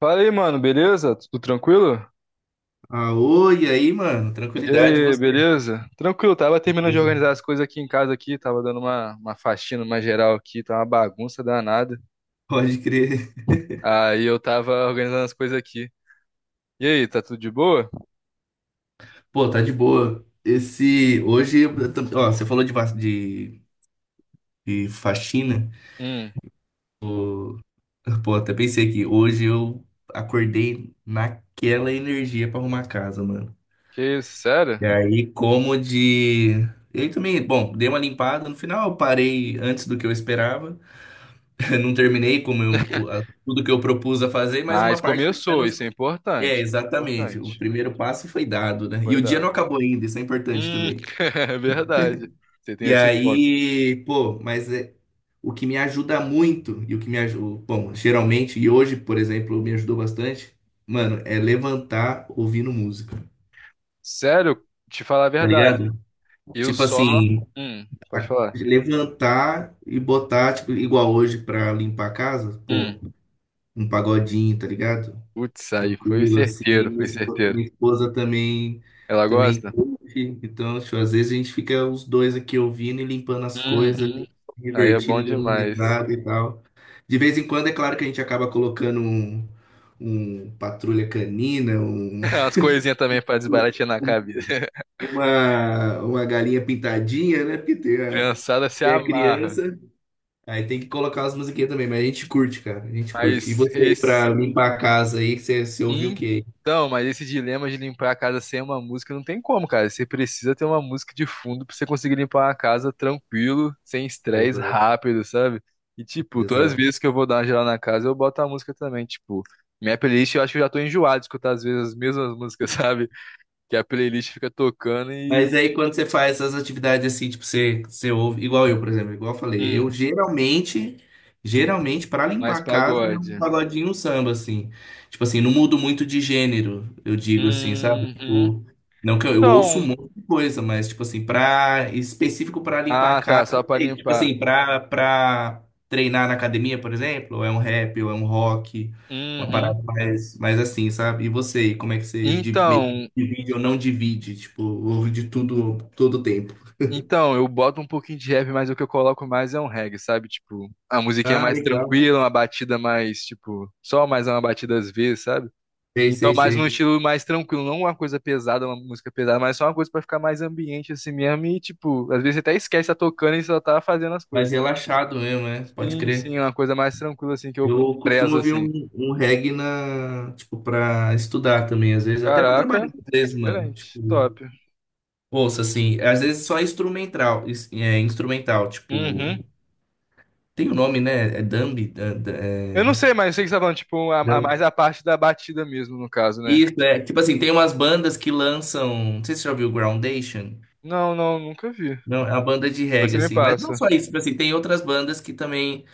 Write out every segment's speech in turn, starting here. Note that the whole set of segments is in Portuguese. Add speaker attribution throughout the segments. Speaker 1: Fala aí, mano, beleza? Tudo tranquilo?
Speaker 2: Ah, oi, e aí, mano?
Speaker 1: E
Speaker 2: Tranquilidade, e
Speaker 1: aí,
Speaker 2: você?
Speaker 1: beleza? Tranquilo, tava terminando de
Speaker 2: Beleza?
Speaker 1: organizar as coisas aqui em casa aqui, tava dando uma faxina, uma geral aqui, tá uma bagunça danada.
Speaker 2: Pode crer.
Speaker 1: Aí eu tava organizando as coisas aqui. E aí, tá tudo de boa?
Speaker 2: Pô, tá de boa. Esse, hoje, você falou de, de faxina.
Speaker 1: Hum.
Speaker 2: Pô, até pensei aqui, hoje eu acordei naquela energia pra arrumar a casa, mano.
Speaker 1: Que isso, sério?
Speaker 2: E aí, como de... Eu também, bom, dei uma limpada. No final, eu parei antes do que eu esperava. Não terminei como tudo que eu propus a fazer, mas
Speaker 1: Mas
Speaker 2: uma parte.
Speaker 1: começou, isso é
Speaker 2: É,
Speaker 1: importante.
Speaker 2: exatamente. O
Speaker 1: Importante.
Speaker 2: primeiro passo foi dado, né? E
Speaker 1: Foi
Speaker 2: o dia não
Speaker 1: dado.
Speaker 2: acabou ainda, isso é importante
Speaker 1: Hum.
Speaker 2: também.
Speaker 1: É verdade. Você tem
Speaker 2: E
Speaker 1: esse ponto.
Speaker 2: aí, pô, mas é, o que me ajuda muito, e o que me ajuda, bom, geralmente, e hoje, por exemplo, me ajudou bastante, mano, é levantar ouvindo música,
Speaker 1: Sério, te falar a
Speaker 2: tá
Speaker 1: verdade.
Speaker 2: ligado?
Speaker 1: Eu
Speaker 2: Tipo
Speaker 1: só.
Speaker 2: assim,
Speaker 1: Hum. Pode falar.
Speaker 2: levantar e botar, tipo, igual hoje pra limpar a casa, pô,
Speaker 1: Hum.
Speaker 2: um pagodinho, tá ligado?
Speaker 1: Putz, aí foi
Speaker 2: Tranquilo, assim.
Speaker 1: certeiro, foi certeiro.
Speaker 2: Minha esposa também,
Speaker 1: Ela
Speaker 2: também
Speaker 1: gosta?
Speaker 2: curte. Então, tipo, às vezes a gente fica os dois aqui ouvindo e limpando as coisas,
Speaker 1: Uhum. Aí é bom
Speaker 2: divertindo, dando
Speaker 1: demais.
Speaker 2: risada e tal. De vez em quando, é claro que a gente acaba colocando um patrulha canina, um,
Speaker 1: As coisinhas também pra desbaratear na
Speaker 2: um-
Speaker 1: cabeça.
Speaker 2: uma galinha pintadinha, né? Porque tem
Speaker 1: Criançada se
Speaker 2: tem a
Speaker 1: amarra.
Speaker 2: criança. Aí tem que colocar as musiquinhas também, mas a gente curte, cara. A gente curte. E
Speaker 1: Mas
Speaker 2: você aí,
Speaker 1: esse.
Speaker 2: pra limpar a casa aí, você ouviu o quê?
Speaker 1: Então, mas esse dilema de limpar a casa sem uma música não tem como, cara. Você precisa ter uma música de fundo pra você conseguir limpar a casa tranquilo, sem estresse,
Speaker 2: Exato.
Speaker 1: rápido, sabe? E, tipo, todas as
Speaker 2: Exato.
Speaker 1: vezes que eu vou dar uma geral na casa, eu boto a música também. Tipo, minha playlist eu acho que eu já tô enjoado de escutar às vezes as mesmas músicas, sabe? Que a playlist fica tocando e.
Speaker 2: Mas aí quando você faz essas atividades assim, tipo, você ouve, igual eu, por exemplo, igual eu falei,
Speaker 1: Hum.
Speaker 2: geralmente, pra
Speaker 1: Mais
Speaker 2: limpar a casa é um
Speaker 1: pagode.
Speaker 2: pagodinho, um samba, assim. Tipo assim, não mudo muito de gênero, eu digo assim, sabe?
Speaker 1: Uhum.
Speaker 2: Tipo, não que eu ouço um
Speaker 1: Então,
Speaker 2: monte de coisa, mas tipo assim, específico pra limpar a
Speaker 1: ah, tá,
Speaker 2: casa,
Speaker 1: só pra
Speaker 2: é isso. Tipo
Speaker 1: limpar.
Speaker 2: assim, pra treinar na academia, por exemplo, ou é um rap, ou é um rock, uma
Speaker 1: Uhum.
Speaker 2: parada mais assim, sabe? E você, como é que você
Speaker 1: Então,
Speaker 2: divide, ou não divide, tipo, ouve de tudo, todo o tempo.
Speaker 1: eu boto um pouquinho de rap, mas o que eu coloco mais é um reggae, sabe? Tipo, a musiquinha
Speaker 2: Ah,
Speaker 1: mais
Speaker 2: legal.
Speaker 1: tranquila, uma batida mais, tipo, só mais uma batida às vezes, sabe?
Speaker 2: Sei,
Speaker 1: Então,
Speaker 2: sei,
Speaker 1: mais num
Speaker 2: sei.
Speaker 1: estilo mais tranquilo, não uma coisa pesada, uma música pesada, mas só uma coisa pra ficar mais ambiente assim mesmo e, tipo, às vezes você até esquece, tá tocando e só tá fazendo as coisas,
Speaker 2: Mas
Speaker 1: sabe?
Speaker 2: relaxado mesmo, né? Pode
Speaker 1: Sim,
Speaker 2: crer.
Speaker 1: sim, uma coisa mais tranquila assim que eu
Speaker 2: Eu costumo
Speaker 1: prezo
Speaker 2: ouvir
Speaker 1: assim.
Speaker 2: um reggae na, tipo, pra estudar também, às vezes, até pra trabalhar,
Speaker 1: Caraca.
Speaker 2: às vezes, mano.
Speaker 1: Diferente.
Speaker 2: Tipo,
Speaker 1: Top.
Speaker 2: ouça, assim, às vezes só instrumental, instrumental, tipo,
Speaker 1: Uhum.
Speaker 2: tem o nome, né? É Dambi?
Speaker 1: Eu não sei, mas eu sei que você tá falando, tipo,
Speaker 2: Dambi.
Speaker 1: mais a parte da batida mesmo, no caso, né?
Speaker 2: Isso, é. Tipo assim, tem umas bandas que lançam, não sei se você já ouviu Groundation.
Speaker 1: Não, não, nunca vi.
Speaker 2: Não, é a banda de
Speaker 1: Depois
Speaker 2: reggae,
Speaker 1: você me
Speaker 2: assim. Mas não
Speaker 1: passa.
Speaker 2: só isso, tipo assim, tem outras bandas que também.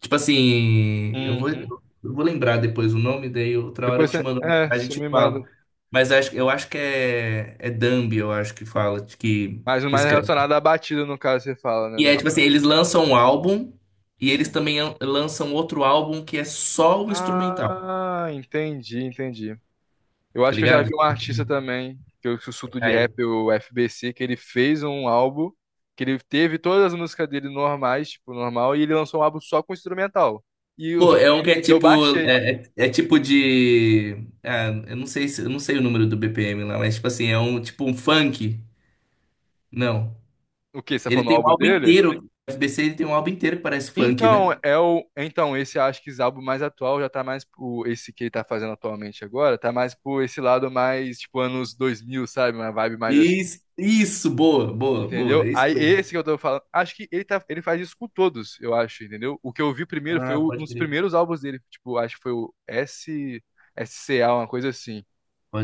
Speaker 2: Tipo assim,
Speaker 1: Uhum.
Speaker 2: eu vou lembrar depois o nome, daí outra hora eu
Speaker 1: Depois
Speaker 2: te
Speaker 1: você.
Speaker 2: mando uma
Speaker 1: É,
Speaker 2: mensagem e
Speaker 1: você
Speaker 2: te
Speaker 1: me
Speaker 2: falo.
Speaker 1: manda.
Speaker 2: Mas acho, eu acho que é, é Dambi, eu acho que fala,
Speaker 1: Mas o
Speaker 2: que
Speaker 1: mais
Speaker 2: escreve.
Speaker 1: relacionado à batida, no caso, você fala, né?
Speaker 2: E
Speaker 1: No
Speaker 2: é tipo assim,
Speaker 1: geral.
Speaker 2: eles lançam um álbum e eles
Speaker 1: Uhum.
Speaker 2: também lançam outro álbum que é só o instrumental,
Speaker 1: Ah, entendi, entendi. Eu
Speaker 2: tá
Speaker 1: acho que eu já
Speaker 2: ligado?
Speaker 1: vi um artista também, que eu sussurro de rap, o FBC, que ele fez um álbum, que ele teve todas as músicas dele normais, tipo, normal, e ele lançou um álbum só com instrumental. E eu,
Speaker 2: Pô, é um que é
Speaker 1: e eu
Speaker 2: tipo.
Speaker 1: baixei.
Speaker 2: É, é tipo de. Ah, eu não sei se, eu não sei o número do BPM lá, mas tipo assim, é um tipo um funk. Não.
Speaker 1: O que você tá
Speaker 2: Ele
Speaker 1: falando o
Speaker 2: tem um
Speaker 1: álbum
Speaker 2: álbum
Speaker 1: dele?
Speaker 2: inteiro. O F B c ele tem um álbum inteiro que parece funk, né?
Speaker 1: Então, é o. Então, esse acho que esse álbum mais atual já tá mais pro. Esse que ele tá fazendo atualmente agora, tá mais pro esse lado mais, tipo, anos dois mil, sabe? Uma vibe mais assim.
Speaker 2: Isso, boa, boa, boa.
Speaker 1: Entendeu?
Speaker 2: É isso
Speaker 1: Aí
Speaker 2: mesmo.
Speaker 1: esse que eu tô falando. Acho que ele, tá, ele faz isso com todos, eu acho, entendeu? O que eu vi primeiro foi
Speaker 2: Ah,
Speaker 1: o- um
Speaker 2: pode
Speaker 1: dos
Speaker 2: crer.
Speaker 1: primeiros álbuns dele. Tipo, acho que foi o S, S C A uma coisa assim.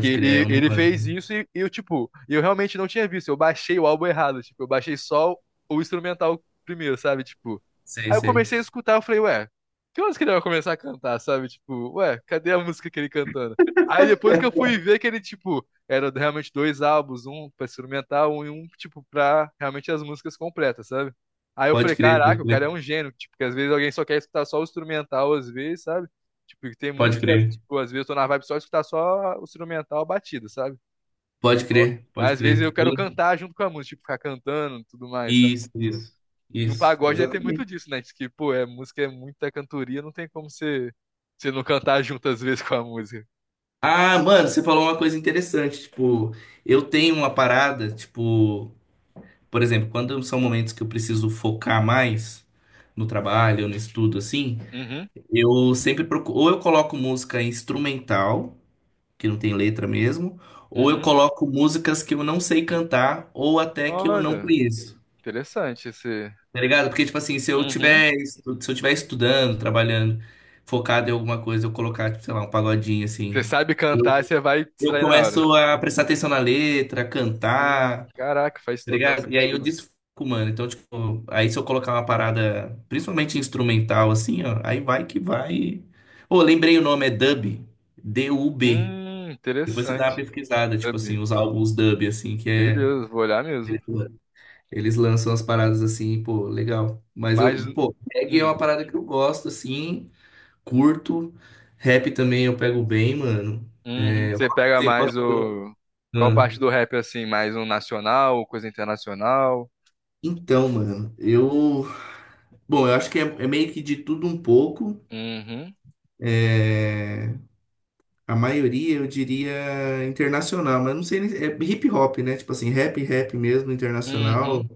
Speaker 1: Que
Speaker 2: crer, é
Speaker 1: ele,
Speaker 2: um
Speaker 1: ele
Speaker 2: número.
Speaker 1: fez isso e eu, tipo, eu realmente não tinha visto. Eu baixei o álbum errado, tipo, eu baixei só o instrumental primeiro, sabe? Tipo.
Speaker 2: Sei,
Speaker 1: Aí eu
Speaker 2: sei.
Speaker 1: comecei a escutar, eu falei, ué, que horas que ele vai começar a cantar, sabe? Tipo, ué, cadê a música que ele cantando? Aí depois que eu fui ver que ele, tipo, era realmente dois álbuns, um pra instrumental um, e um, tipo, pra realmente as músicas completas, sabe? Aí eu falei,
Speaker 2: Pode crer, pode
Speaker 1: caraca, o
Speaker 2: crer.
Speaker 1: cara é um gênio, tipo, que às vezes alguém só quer escutar só o instrumental, às vezes, sabe? Tipo, tem muito
Speaker 2: Pode
Speaker 1: dessa,
Speaker 2: crer.
Speaker 1: tipo, às vezes eu tô na vibe só de escutar só o instrumental, a batida, sabe?
Speaker 2: Pode
Speaker 1: Só-
Speaker 2: crer,
Speaker 1: Mas
Speaker 2: pode
Speaker 1: às vezes
Speaker 2: crer.
Speaker 1: eu quero cantar junto com a música, tipo, ficar cantando e tudo mais, sabe?
Speaker 2: Isso,
Speaker 1: Tipo,
Speaker 2: isso.
Speaker 1: e no
Speaker 2: Isso,
Speaker 1: pagode aí tem muito
Speaker 2: exatamente.
Speaker 1: disso, né? Diz que, pô, é música, é muita cantoria, não tem como você, você não cantar junto às vezes com a música.
Speaker 2: Ah, mano, você falou uma coisa interessante. Tipo, eu tenho uma parada, tipo, por exemplo, quando são momentos que eu preciso focar mais no trabalho, no estudo, assim,
Speaker 1: Uhum,
Speaker 2: eu sempre procuro, ou eu coloco música instrumental, que não tem letra mesmo, ou eu
Speaker 1: uhum.
Speaker 2: coloco músicas que eu não sei cantar, ou até que eu não
Speaker 1: Olha,
Speaker 2: conheço.
Speaker 1: interessante esse.
Speaker 2: Tá ligado? Porque, tipo assim, se eu
Speaker 1: Uhum.
Speaker 2: tiver, se eu tiver estudando, trabalhando, focado em alguma coisa, eu colocar, tipo, sei lá, um pagodinho
Speaker 1: Você
Speaker 2: assim.
Speaker 1: sabe cantar, você vai
Speaker 2: Eu
Speaker 1: distrair na hora.
Speaker 2: começo a prestar atenção na letra, a
Speaker 1: Sim,
Speaker 2: cantar, tá
Speaker 1: caraca, faz total
Speaker 2: ligado? E aí eu
Speaker 1: sentido.
Speaker 2: desfoco, mano. Então, tipo, aí se eu colocar uma parada, principalmente instrumental, assim, ó, aí vai que vai. Ô, lembrei o nome, é dub. D-U-B.
Speaker 1: Hum.
Speaker 2: Depois você dá uma
Speaker 1: Interessante.
Speaker 2: pesquisada, tipo assim,
Speaker 1: Sabe?
Speaker 2: os álbuns dub, assim, que é.
Speaker 1: Beleza, vou olhar mesmo.
Speaker 2: Eles lançam as paradas assim, pô, legal. Mas eu,
Speaker 1: Mas
Speaker 2: pô, reggae é
Speaker 1: Hum.
Speaker 2: uma parada que eu gosto, assim, curto. Rap também eu pego bem, mano.
Speaker 1: Uhum. Você pega
Speaker 2: Você
Speaker 1: mais
Speaker 2: gosta?
Speaker 1: o. Qual
Speaker 2: Ah.
Speaker 1: parte do rap assim? Mais um nacional, coisa internacional?
Speaker 2: Então, mano, eu. Bom, eu acho que é, é meio que de tudo um pouco.
Speaker 1: Uhum.
Speaker 2: É, a maioria eu diria internacional, mas não sei, é hip hop, né? Tipo assim, rap mesmo,
Speaker 1: Uhum.
Speaker 2: internacional.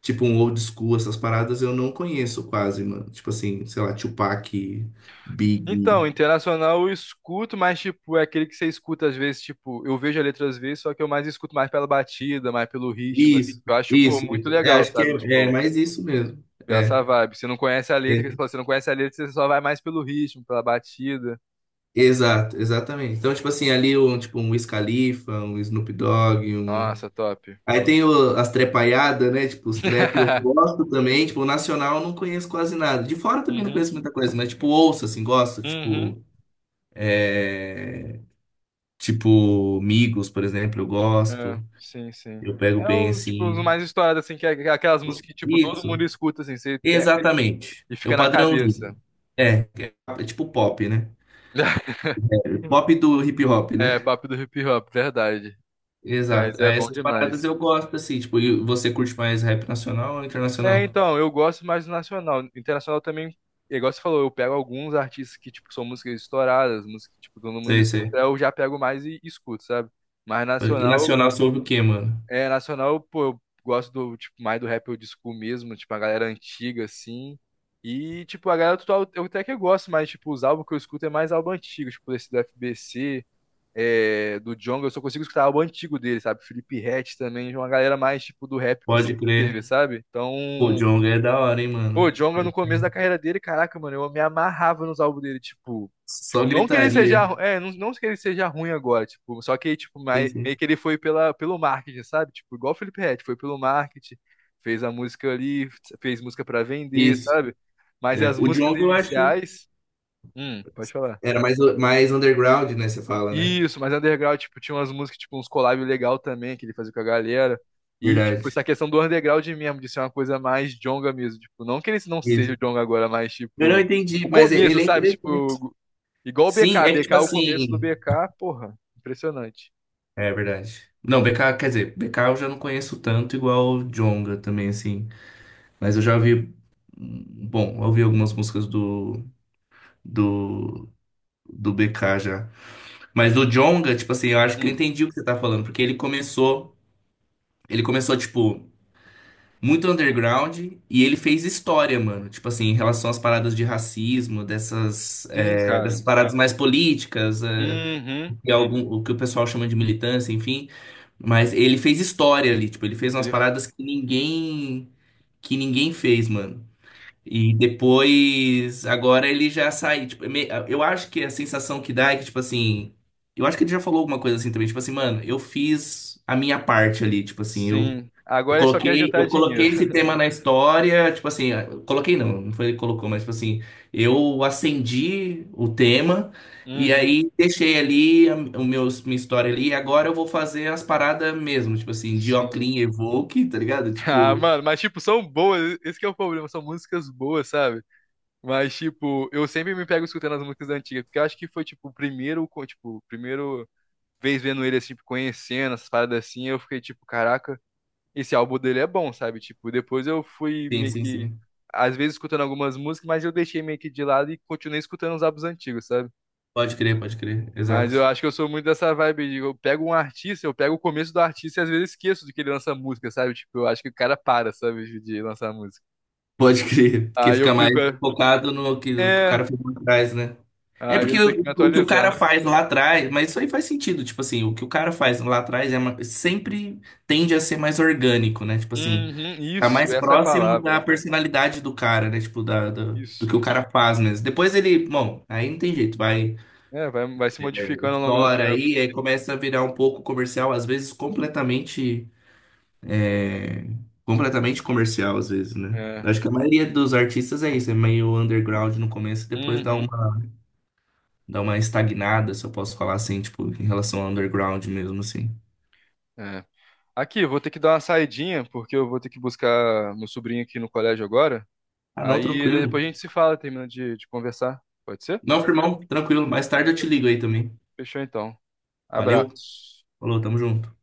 Speaker 2: Tipo um old school, essas paradas eu não conheço quase, mano. Tipo assim, sei lá, Tupac, Big.
Speaker 1: Então, internacional eu escuto, mas tipo, é aquele que você escuta às vezes, tipo, eu vejo a letra às vezes, só que eu mais escuto mais pela batida, mais pelo ritmo, assim.
Speaker 2: Isso,
Speaker 1: Eu acho, pô,
Speaker 2: isso,
Speaker 1: muito
Speaker 2: isso. É,
Speaker 1: legal,
Speaker 2: acho que
Speaker 1: sabe?
Speaker 2: é, é
Speaker 1: Tipo,
Speaker 2: mais isso mesmo.
Speaker 1: essa
Speaker 2: É,
Speaker 1: vibe. Você não conhece a letra,
Speaker 2: é,
Speaker 1: que você fala, você não conhece a letra, você só vai mais pelo ritmo, pela batida.
Speaker 2: exato, exatamente. Então, tipo assim, ali um, tipo, um Wiz Khalifa, um Snoop Dogg, um.
Speaker 1: Nossa, top.
Speaker 2: Aí tem
Speaker 1: Gosto.
Speaker 2: as trepaiadas, né? Tipo, os trap eu gosto também. Tipo, o nacional eu não conheço quase nada. De fora também não
Speaker 1: Uhum.
Speaker 2: conheço muita coisa, mas tipo, ouço, assim, gosto.
Speaker 1: Uhum.
Speaker 2: Tipo, é... tipo, Migos, por exemplo, eu
Speaker 1: É,
Speaker 2: gosto.
Speaker 1: sim, sim.
Speaker 2: Eu pego
Speaker 1: É
Speaker 2: bem,
Speaker 1: uns, tipo, os
Speaker 2: assim.
Speaker 1: mais estourados, assim, que é aquelas músicas que, tipo, todo mundo
Speaker 2: Isso,
Speaker 1: escuta, assim, você pe-
Speaker 2: exatamente.
Speaker 1: e
Speaker 2: É o
Speaker 1: fica na cabeça.
Speaker 2: padrãozinho. É tipo pop, né? Pop do hip hop,
Speaker 1: É,
Speaker 2: né?
Speaker 1: papo do hip hop, verdade. Mas
Speaker 2: Exato.
Speaker 1: é
Speaker 2: Aí
Speaker 1: bom
Speaker 2: essas paradas
Speaker 1: demais.
Speaker 2: eu gosto, assim. Tipo, e você curte mais rap nacional ou
Speaker 1: É,
Speaker 2: internacional?
Speaker 1: então, eu gosto mais do nacional. Internacional também, igual você falou, eu pego alguns artistas que, tipo, são músicas estouradas, músicas que, tipo, todo mundo
Speaker 2: Sei, sei.
Speaker 1: escuta, eu já pego mais e escuto, sabe? Mas
Speaker 2: E
Speaker 1: nacional.
Speaker 2: nacional você ouve o quê, mano?
Speaker 1: É, nacional, pô, eu gosto do, tipo, mais do rap old school mesmo, tipo, a galera antiga, assim. E, tipo, a galera atual eu até que gosto, mas, tipo, os álbuns que eu escuto é mais álbum antigo, tipo, esse do FBC, é, do Djonga, eu só consigo escutar álbum antigo dele, sabe? Felipe Ret também, é uma galera mais, tipo, do rap que
Speaker 2: Pode
Speaker 1: sempre teve,
Speaker 2: crer.
Speaker 1: sabe? Então.
Speaker 2: Pô, Djonga é da hora, hein,
Speaker 1: Pô,
Speaker 2: mano?
Speaker 1: Djonga no começo da carreira dele, caraca, mano, eu me amarrava nos álbuns dele, tipo.
Speaker 2: Só
Speaker 1: Tipo, não que ele seja.
Speaker 2: gritaria.
Speaker 1: Ru- É, não, não que ele seja ruim agora, tipo, só que, tipo,
Speaker 2: Sim,
Speaker 1: mai- meio
Speaker 2: sim.
Speaker 1: que ele foi pela, pelo marketing, sabe? Tipo, igual o Felipe Ret, foi pelo marketing, fez a música ali, fez música pra vender,
Speaker 2: Isso.
Speaker 1: sabe? Mas
Speaker 2: É,
Speaker 1: as
Speaker 2: o
Speaker 1: músicas
Speaker 2: Djonga, eu acho,
Speaker 1: iniciais. Hum. Pode falar.
Speaker 2: era mais, mais underground, né? Você fala, né?
Speaker 1: Isso, mas underground, tipo, tinha umas músicas, tipo, uns collab legal também que ele fazia com a galera. E, tipo,
Speaker 2: Verdade.
Speaker 1: essa questão do underground mesmo, de ser uma coisa mais jonga mesmo. Tipo, não que ele não seja o
Speaker 2: Isso.
Speaker 1: jonga agora, mas,
Speaker 2: Eu não
Speaker 1: tipo,
Speaker 2: entendi,
Speaker 1: o
Speaker 2: mas
Speaker 1: começo,
Speaker 2: ele é
Speaker 1: sabe?
Speaker 2: interessante.
Speaker 1: Tipo, igual o
Speaker 2: Sim,
Speaker 1: BK.
Speaker 2: é que tipo
Speaker 1: BK, o começo do
Speaker 2: assim.
Speaker 1: BK, porra, impressionante.
Speaker 2: É verdade. Não, BK, quer dizer, BK eu já não conheço tanto igual o Djonga também, assim. Mas eu já ouvi. Bom, eu ouvi algumas músicas do, do BK já. Mas o Djonga, tipo assim, eu acho que eu
Speaker 1: Hum,
Speaker 2: entendi o que você tá falando, porque ele começou. Ele começou, tipo, muito underground e ele fez história, mano. Tipo assim, em relação às paradas de racismo, dessas,
Speaker 1: sim,
Speaker 2: é, dessas
Speaker 1: cara.
Speaker 2: paradas mais políticas, é,
Speaker 1: Uhum.
Speaker 2: e algum, o que o pessoal chama de militância, enfim. Mas ele fez história ali, tipo, ele fez umas
Speaker 1: Ele,
Speaker 2: paradas que que ninguém fez, mano. E depois, agora ele já sai, tipo, é eu acho que a sensação que dá é que, tipo assim, eu acho que ele já falou alguma coisa assim também, tipo assim, mano, eu fiz a minha parte ali, tipo assim,
Speaker 1: sim. Agora ele só quer juntar
Speaker 2: eu coloquei
Speaker 1: dinheiro.
Speaker 2: esse tema na história, tipo assim, eu coloquei não, não foi ele que colocou, mas tipo assim, eu acendi o tema e
Speaker 1: Uhum.
Speaker 2: aí deixei ali o meu, minha história ali, e agora eu vou fazer as paradas mesmo, tipo assim,
Speaker 1: Sim.
Speaker 2: Dioclin Evoque, tá ligado?
Speaker 1: Ah,
Speaker 2: Tipo,
Speaker 1: mano, mas, tipo, são boas. Esse que é o problema. São músicas boas, sabe? Mas, tipo, eu sempre me pego escutando as músicas antigas, porque eu acho que foi, tipo, o primeiro, co- tipo, o primeiro vez vendo ele, assim, tipo, conhecendo essas paradas assim, eu fiquei, tipo, caraca, esse álbum dele é bom, sabe? Tipo, depois eu fui
Speaker 2: sim,
Speaker 1: meio
Speaker 2: sim,
Speaker 1: que,
Speaker 2: sim.
Speaker 1: às vezes, escutando algumas músicas, mas eu deixei meio que de lado e continuei escutando os álbuns antigos, sabe?
Speaker 2: Pode crer,
Speaker 1: Mas eu Uhum.
Speaker 2: exato.
Speaker 1: acho que eu sou muito dessa vibe, de eu pego um artista, eu pego o começo do artista e às vezes esqueço de que ele lança música, sabe? Tipo, eu acho que o cara para, sabe, de lançar música.
Speaker 2: Pode crer, porque
Speaker 1: Aí eu
Speaker 2: fica
Speaker 1: fico,
Speaker 2: mais
Speaker 1: é,
Speaker 2: focado no que, no que o
Speaker 1: é,
Speaker 2: cara foi por trás, né? É
Speaker 1: aí eu
Speaker 2: porque
Speaker 1: tenho que me
Speaker 2: o que o cara
Speaker 1: atualizar.
Speaker 2: faz lá atrás, mas isso aí faz sentido, tipo assim, o que o cara faz lá atrás é sempre tende a ser mais orgânico, né? Tipo assim,
Speaker 1: Uhum,
Speaker 2: tá
Speaker 1: isso,
Speaker 2: mais
Speaker 1: essa é a
Speaker 2: próximo da
Speaker 1: palavra.
Speaker 2: personalidade do cara, né? Tipo, da- do que o
Speaker 1: Isso.
Speaker 2: cara faz mesmo. Depois ele, bom, aí não tem jeito, vai,
Speaker 1: É, vai, vai se modificando ao longo do
Speaker 2: estoura
Speaker 1: tempo.
Speaker 2: aí, aí começa a virar um pouco comercial, às vezes completamente, é, completamente comercial, às vezes, né?
Speaker 1: É.
Speaker 2: Acho que a maioria dos artistas é isso, é meio underground no começo, depois dá um
Speaker 1: Uhum,
Speaker 2: dar uma estagnada, se eu posso falar assim, tipo, em relação ao underground mesmo, assim.
Speaker 1: é. Aqui, eu vou ter que dar uma saidinha, porque eu vou ter que buscar meu sobrinho aqui no colégio agora.
Speaker 2: Ah, não,
Speaker 1: Aí
Speaker 2: tranquilo.
Speaker 1: depois a gente se fala, terminando de conversar. Pode ser?
Speaker 2: Não, firmão, tranquilo. Mais tarde eu te ligo aí também.
Speaker 1: Fechou então.
Speaker 2: Valeu,
Speaker 1: Abraço.
Speaker 2: falou, tamo junto.